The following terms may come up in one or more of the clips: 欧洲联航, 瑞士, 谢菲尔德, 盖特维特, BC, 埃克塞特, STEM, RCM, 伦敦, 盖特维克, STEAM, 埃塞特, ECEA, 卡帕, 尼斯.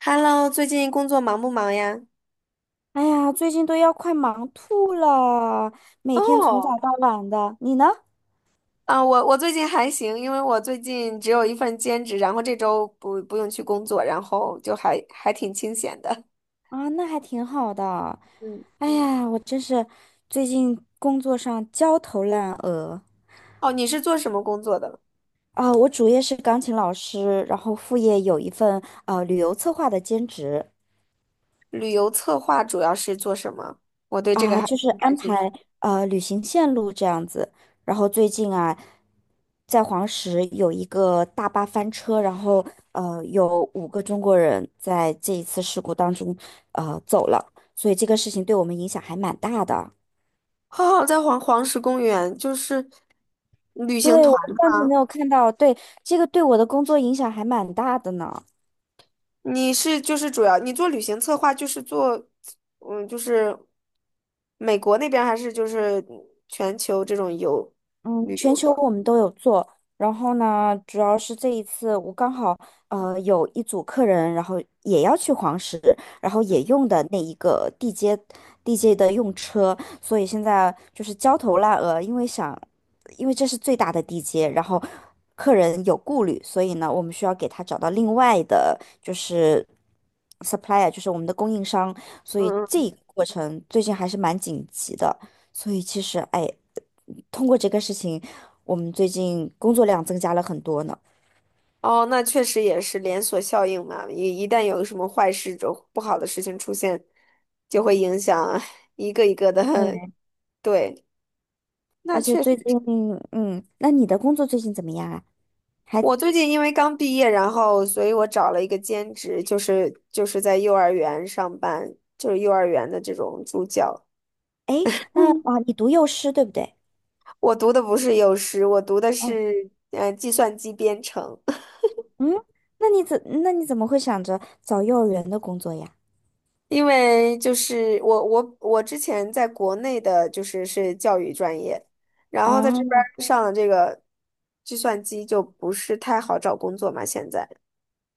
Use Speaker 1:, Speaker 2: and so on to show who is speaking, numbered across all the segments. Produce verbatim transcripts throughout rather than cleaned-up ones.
Speaker 1: Hello，最近工作忙不忙呀？
Speaker 2: 哎呀，最近都要快忙吐了，每天从早
Speaker 1: 哦，
Speaker 2: 到晚的。你呢？
Speaker 1: 啊，我我最近还行，因为我最近只有一份兼职，然后这周不不用去工作，然后就还还挺清闲的。
Speaker 2: 啊，那还挺好的。
Speaker 1: 嗯。
Speaker 2: 哎呀，我真是最近工作上焦头烂额
Speaker 1: 哦，你是做什么工作的？
Speaker 2: 啊！我主业是钢琴老师，然后副业有一份呃旅游策划的兼职。
Speaker 1: 旅游策划主要是做什么？我对这个
Speaker 2: 啊，
Speaker 1: 还
Speaker 2: 就是
Speaker 1: 挺感
Speaker 2: 安
Speaker 1: 兴趣。
Speaker 2: 排呃旅行线路这样子。然后最近啊，在黄石有一个大巴翻车，然后呃有五个中国人在这一次事故当中呃走了，所以这个事情对我们影响还蛮大的。
Speaker 1: 哦，在黄黄石公园，就是旅行
Speaker 2: 对，
Speaker 1: 团。
Speaker 2: 我不知道你有没有看到，对，这个对我的工作影响还蛮大的呢。
Speaker 1: 你是就是主要你做旅行策划，就是做，嗯，就是美国那边儿还是就是全球这种游
Speaker 2: 嗯，
Speaker 1: 旅
Speaker 2: 全
Speaker 1: 游
Speaker 2: 球
Speaker 1: 的？
Speaker 2: 我们都有做，然后呢，主要是这一次我刚好呃有一组客人，然后也要去黄石，然后也用的那一个地接地接的用车，所以现在就是焦头烂额，因为想因为这是最大的地接，然后客人有顾虑，所以呢，我们需要给他找到另外的就是 supplier，就是我们的供应商，所以
Speaker 1: 嗯，
Speaker 2: 这
Speaker 1: 嗯。
Speaker 2: 一个过程最近还是蛮紧急的。所以其实，哎，通过这个事情，我们最近工作量增加了很多呢。
Speaker 1: 哦，那确实也是连锁效应嘛，一一旦有什么坏事、就，不好的事情出现，就会影响一个一个的。
Speaker 2: 对，
Speaker 1: 对，那
Speaker 2: 而且
Speaker 1: 确实
Speaker 2: 最近，
Speaker 1: 是。
Speaker 2: 嗯，那你的工作最近怎么样啊？还，
Speaker 1: 我最近因为刚毕业，然后所以我找了一个兼职，就是就是在幼儿园上班，就是幼儿园的这种助教。
Speaker 2: 哎，那啊，你读幼师对不对？
Speaker 1: 我读的不是幼师，我读的
Speaker 2: 哦，
Speaker 1: 是呃计算机编程。
Speaker 2: 嗯，那你怎那你怎么会想着找幼儿园的工作呀？
Speaker 1: 因为就是我我我之前在国内的就是是教育专业，然后在这边
Speaker 2: 啊，
Speaker 1: 儿上了这个计算机就不是太好找工作嘛。现在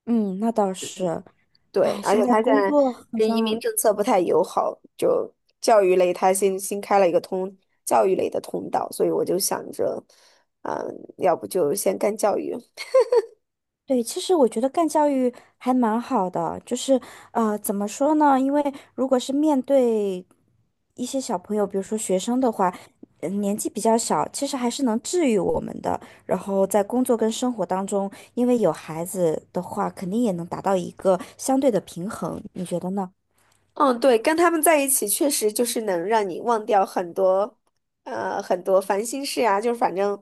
Speaker 2: 嗯，那倒是，
Speaker 1: 对，
Speaker 2: 哎，
Speaker 1: 而
Speaker 2: 现
Speaker 1: 且
Speaker 2: 在
Speaker 1: 他现
Speaker 2: 工
Speaker 1: 在
Speaker 2: 作好
Speaker 1: 这移民
Speaker 2: 像
Speaker 1: 政策不太友好，就教育类他新新开了一个通教育类的通道，所以我就想着，嗯，要不就先干教育。
Speaker 2: 对，其实我觉得干教育还蛮好的，就是呃，怎么说呢？因为如果是面对一些小朋友，比如说学生的话，呃年纪比较小，其实还是能治愈我们的。然后在工作跟生活当中，因为有孩子的话，肯定也能达到一个相对的平衡，你觉得呢？
Speaker 1: 嗯，对，跟他们在一起确实就是能让你忘掉很多，呃，很多烦心事啊，就是反正，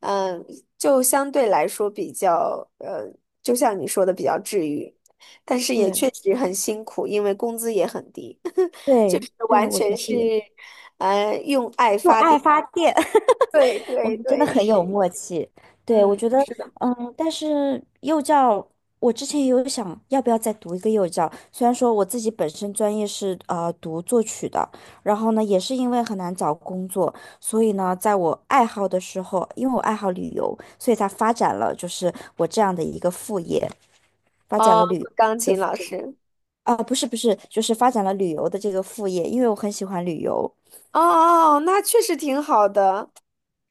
Speaker 1: 嗯、就相对来说比较，呃，就像你说的比较治愈，但是也
Speaker 2: 对。
Speaker 1: 确实很辛苦，因为工资也很低。就
Speaker 2: 对，
Speaker 1: 是
Speaker 2: 对，
Speaker 1: 完
Speaker 2: 我觉
Speaker 1: 全
Speaker 2: 得
Speaker 1: 是，
Speaker 2: 也是
Speaker 1: 呃，用爱
Speaker 2: 用
Speaker 1: 发
Speaker 2: 爱
Speaker 1: 电。
Speaker 2: 发电。
Speaker 1: 对
Speaker 2: 我
Speaker 1: 对
Speaker 2: 们真的
Speaker 1: 对，
Speaker 2: 很有
Speaker 1: 是，
Speaker 2: 默契，对，我
Speaker 1: 嗯，
Speaker 2: 觉得，
Speaker 1: 是的，
Speaker 2: 嗯，但是幼教，我之前也有想要不要再读一个幼教，虽然说我自己本身专业是呃读作曲的，然后呢，也是因为很难找工作，所以呢，在我爱好的时候，因为我爱好旅游，所以才发展了就是我这样的一个副业，发展
Speaker 1: 哦，
Speaker 2: 了旅
Speaker 1: 钢
Speaker 2: 的
Speaker 1: 琴老师。
Speaker 2: 啊，不是不是，就是发展了旅游的这个副业，因为我很喜欢旅游，
Speaker 1: 哦哦，哦，那确实挺好的。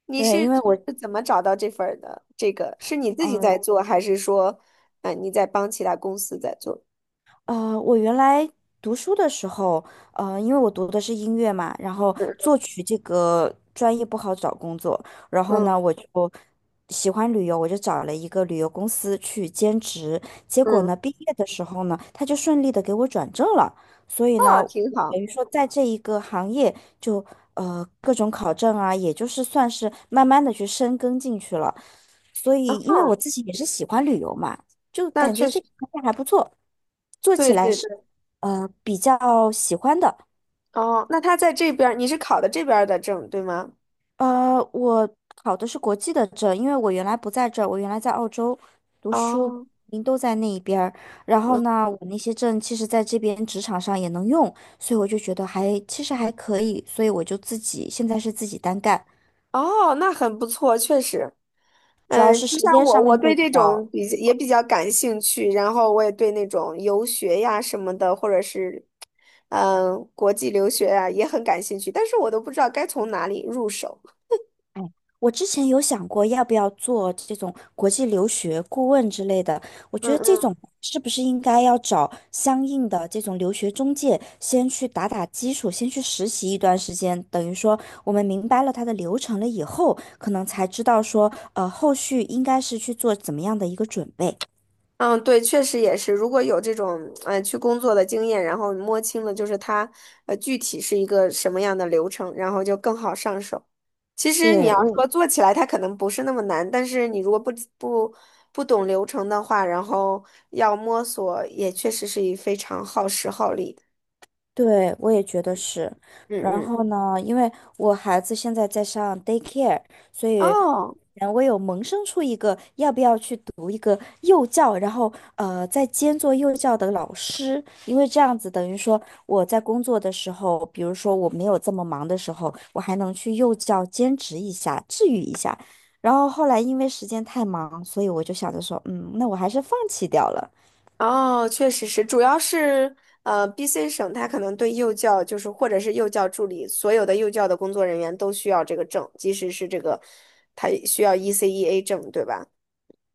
Speaker 1: 你
Speaker 2: 对，因
Speaker 1: 是
Speaker 2: 为我。
Speaker 1: 是怎么找到这份儿的？这个是你自己
Speaker 2: 嗯。
Speaker 1: 在做，还是说，嗯、你在帮其他公司在做？
Speaker 2: 呃，我原来读书的时候，呃，因为我读的是音乐嘛，然后
Speaker 1: 嗯
Speaker 2: 作曲这个专业不好找工作，然后
Speaker 1: 嗯
Speaker 2: 呢，我就喜欢旅游，我就找了一个旅游公司去兼职，结果
Speaker 1: 嗯，
Speaker 2: 呢，毕业的时候呢，他就顺利的给我转正了，所以
Speaker 1: 哦，
Speaker 2: 呢，我
Speaker 1: 挺好。
Speaker 2: 等于说在这一个行业就呃各种考证啊，也就是算是慢慢的去深耕进去了，所
Speaker 1: 嗯
Speaker 2: 以因为我
Speaker 1: 哼，
Speaker 2: 自己也是喜欢旅游嘛。就
Speaker 1: 那
Speaker 2: 感觉
Speaker 1: 确
Speaker 2: 这
Speaker 1: 实，
Speaker 2: 个产还不错，做
Speaker 1: 对
Speaker 2: 起来
Speaker 1: 对
Speaker 2: 是
Speaker 1: 对。
Speaker 2: 呃比较喜欢的。
Speaker 1: 哦，那他在这边儿，你是考的这边儿的证，对吗？
Speaker 2: 呃，我考的是国际的证，因为我原来不在这儿，我原来在澳洲读书，
Speaker 1: 哦，
Speaker 2: 您都在那一边儿。然后
Speaker 1: 嗯，
Speaker 2: 呢，我那些证其实在这边职场上也能用，所以我就觉得还其实还可以，所以我就自己现在是自己单干，
Speaker 1: 哦，那很不错，确实。
Speaker 2: 主要
Speaker 1: 嗯，
Speaker 2: 是
Speaker 1: 就
Speaker 2: 时
Speaker 1: 像
Speaker 2: 间
Speaker 1: 我，
Speaker 2: 上
Speaker 1: 我
Speaker 2: 面会
Speaker 1: 对
Speaker 2: 比
Speaker 1: 这种
Speaker 2: 较
Speaker 1: 比也比较感兴趣，然后我也对那种游学呀什么的，或者是嗯国际留学呀也很感兴趣，但是我都不知道该从哪里入手。
Speaker 2: 哎，我之前有想过要不要做这种国际留学顾问之类的，我觉得这
Speaker 1: 嗯
Speaker 2: 种是不是应该要找相应的这种留学中介，先去打打基础，先去实习一段时间，等于说我们明白了它的流程了以后，可能才知道说，呃，后续应该是去做怎么样的一个准备。
Speaker 1: 嗯，对，确实也是。如果有这种呃去工作的经验，然后摸清了就是它呃具体是一个什么样的流程，然后就更好上手。其实你
Speaker 2: 对，
Speaker 1: 要
Speaker 2: 我也
Speaker 1: 说做起来，它可能不是那么难，但是你如果不不不懂流程的话，然后要摸索，也确实是一非常耗时耗力的。
Speaker 2: 对，我也觉得是。
Speaker 1: 嗯
Speaker 2: 然
Speaker 1: 嗯，
Speaker 2: 后呢，因为我孩子现在在上 daycare，所以
Speaker 1: 哦。
Speaker 2: 呃我有萌生出一个要不要去读一个幼教，然后呃再兼做幼教的老师，因为这样子等于说我在工作的时候，比如说我没有这么忙的时候，我还能去幼教兼职一下，治愈一下。然后后来因为时间太忙，所以我就想着说，嗯，那我还是放弃掉了。
Speaker 1: 哦，确实是，主要是呃，B C 省它可能对幼教就是或者是幼教助理，所有的幼教的工作人员都需要这个证，即使是这个，它需要 E C E A 证，对吧？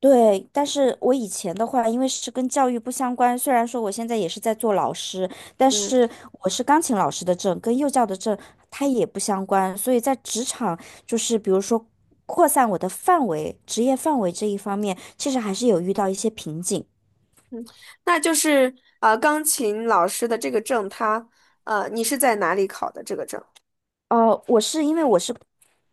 Speaker 2: 对，但是我以前的话，因为是跟教育不相关，虽然说我现在也是在做老师，但
Speaker 1: 嗯，
Speaker 2: 是我是钢琴老师的证，跟幼教的证它也不相关，所以在职场就是比如说扩散我的范围、职业范围这一方面，其实还是有遇到一些瓶颈。
Speaker 1: 那就是呃，钢琴老师的这个证，它呃，你是在哪里考的这个证？
Speaker 2: 哦，我是因为我是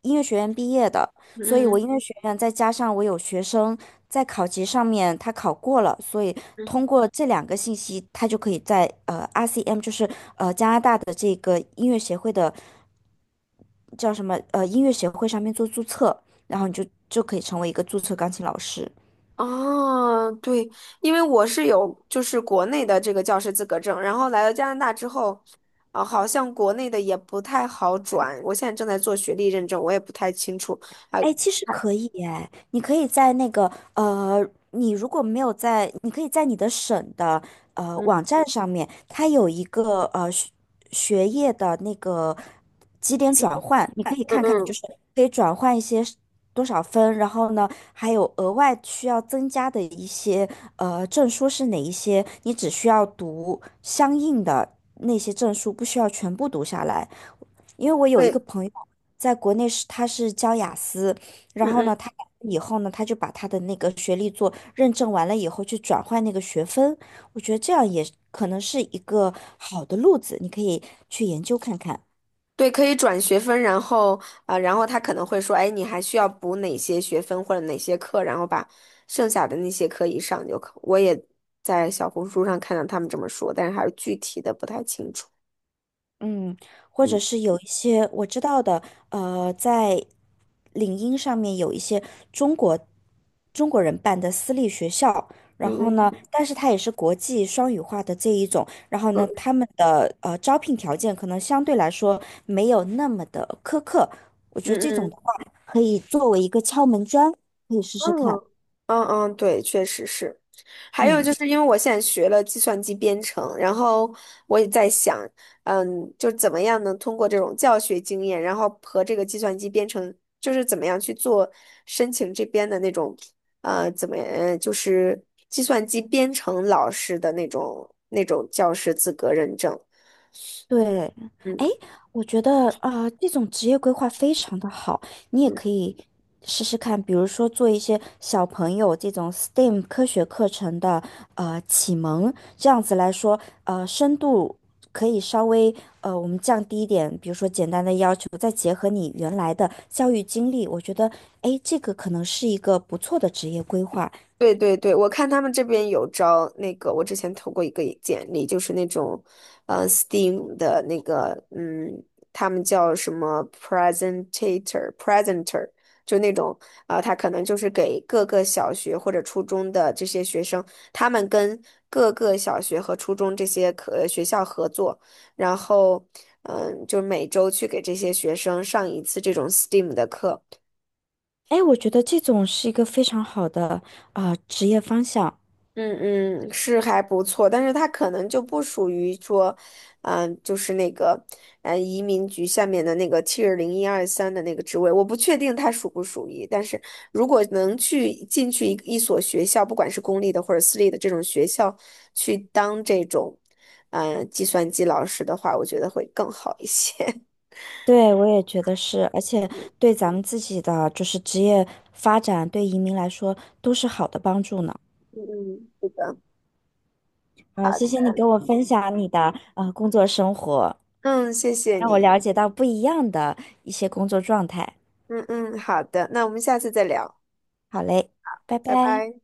Speaker 2: 音乐学院毕业的，所以我
Speaker 1: 嗯
Speaker 2: 音乐学院再加上我有学生在考级上面他考过了，所以
Speaker 1: 嗯。
Speaker 2: 通过这两个信息，他就可以在呃 R C M 就是呃加拿大的这个音乐协会的叫什么呃音乐协会上面做注册，然后你就就可以成为一个注册钢琴老师。
Speaker 1: 哦，对，因为我是有就是国内的这个教师资格证，然后来到加拿大之后，啊、好像国内的也不太好转。我现在正在做学历认证，我也不太清楚。啊，
Speaker 2: 哎，其实可以哎，你可以在那个呃，你如果没有在，你可以在你的省的呃
Speaker 1: 嗯
Speaker 2: 网站上面，它有一个呃学学业的那个几点
Speaker 1: 积
Speaker 2: 转
Speaker 1: 分
Speaker 2: 换，你可
Speaker 1: 制，
Speaker 2: 以
Speaker 1: 嗯
Speaker 2: 看看，就
Speaker 1: 嗯，
Speaker 2: 是可以转换一些是多少分，然后呢，还有额外需要增加的一些呃证书是哪一些，你只需要读相应的那些证书，不需要全部读下来。因为我有一个
Speaker 1: 对，
Speaker 2: 朋友在国内是他是教雅思，然
Speaker 1: 嗯
Speaker 2: 后呢，
Speaker 1: 嗯，
Speaker 2: 他以后呢，他就把他的那个学历做认证完了以后去转换那个学分，我觉得这样也可能是一个好的路子，你可以去研究看看。
Speaker 1: 对，可以转学分，然后啊、然后他可能会说，哎，你还需要补哪些学分或者哪些课，然后把剩下的那些课一上就可。我也在小红书上看到他们这么说，但是还是具体的不太清楚。
Speaker 2: 嗯，或者
Speaker 1: 嗯
Speaker 2: 是有一些我知道的，呃，在领英上面有一些中国中国人办的私立学校，然
Speaker 1: 嗯
Speaker 2: 后
Speaker 1: 嗯
Speaker 2: 呢，但是它也是国际双语化的这一种，然后呢，
Speaker 1: 嗯
Speaker 2: 他们的呃招聘条件可能相对来说没有那么的苛刻，我觉得
Speaker 1: 嗯
Speaker 2: 这种的
Speaker 1: 嗯。
Speaker 2: 话可以作为一个敲门砖，可以试试
Speaker 1: 嗯
Speaker 2: 看。
Speaker 1: 嗯嗯，对，确实是。还有就
Speaker 2: 嗯，
Speaker 1: 是因为我现在学了计算机编程，然后我也在想，嗯，就怎么样能通过这种教学经验，然后和这个计算机编程，就是怎么样去做申请这边的那种，呃，怎么，呃，就是计算机编程老师的那种那种教师资格认证。
Speaker 2: 对，哎，
Speaker 1: 嗯。
Speaker 2: 我觉得啊、呃这种职业规划非常的好，你也可
Speaker 1: 嗯，
Speaker 2: 以试试看，比如说做一些小朋友这种 S T E M 科学课程的呃启蒙，这样子来说，呃，深度可以稍微呃我们降低一点，比如说简单的要求，再结合你原来的教育经历，我觉得哎，诶这个可能是一个不错的职业规划。
Speaker 1: 对对对，我看他们这边有招那个，我之前投过一个简历，就是那种，呃，Steam 的那个，嗯，他们叫什么 presentator，presenter,就那种，呃，他可能就是给各个小学或者初中的这些学生，他们跟各个小学和初中这些可呃学校合作，然后，嗯，就每周去给这些学生上一次这种 STEAM 的课。
Speaker 2: 哎，我觉得这种是一个非常好的啊、呃职业方向。
Speaker 1: 嗯嗯，是还不错，但是它可能就不属于说，嗯、就是那个，呃，移民局下面的那个 Tier 零一二三的那个职位，我不确定它属不属于。但是如果能去进去一一所学校，不管是公立的或者私立的这种学校，去当这种，嗯、计算机老师的话，我觉得会更好一些。
Speaker 2: 对，我也觉得是，而且对咱们自己的就是职业发展，对移民来说都是好的帮助呢。
Speaker 1: 嗯嗯，是的，
Speaker 2: 啊，谢谢你给我分享你的呃工作生活，
Speaker 1: 嗯，谢谢
Speaker 2: 让我
Speaker 1: 你，
Speaker 2: 了解到不一样的一些工作状态。
Speaker 1: 嗯嗯，好的，那我们下次再聊，
Speaker 2: 好嘞，拜
Speaker 1: 拜
Speaker 2: 拜。
Speaker 1: 拜。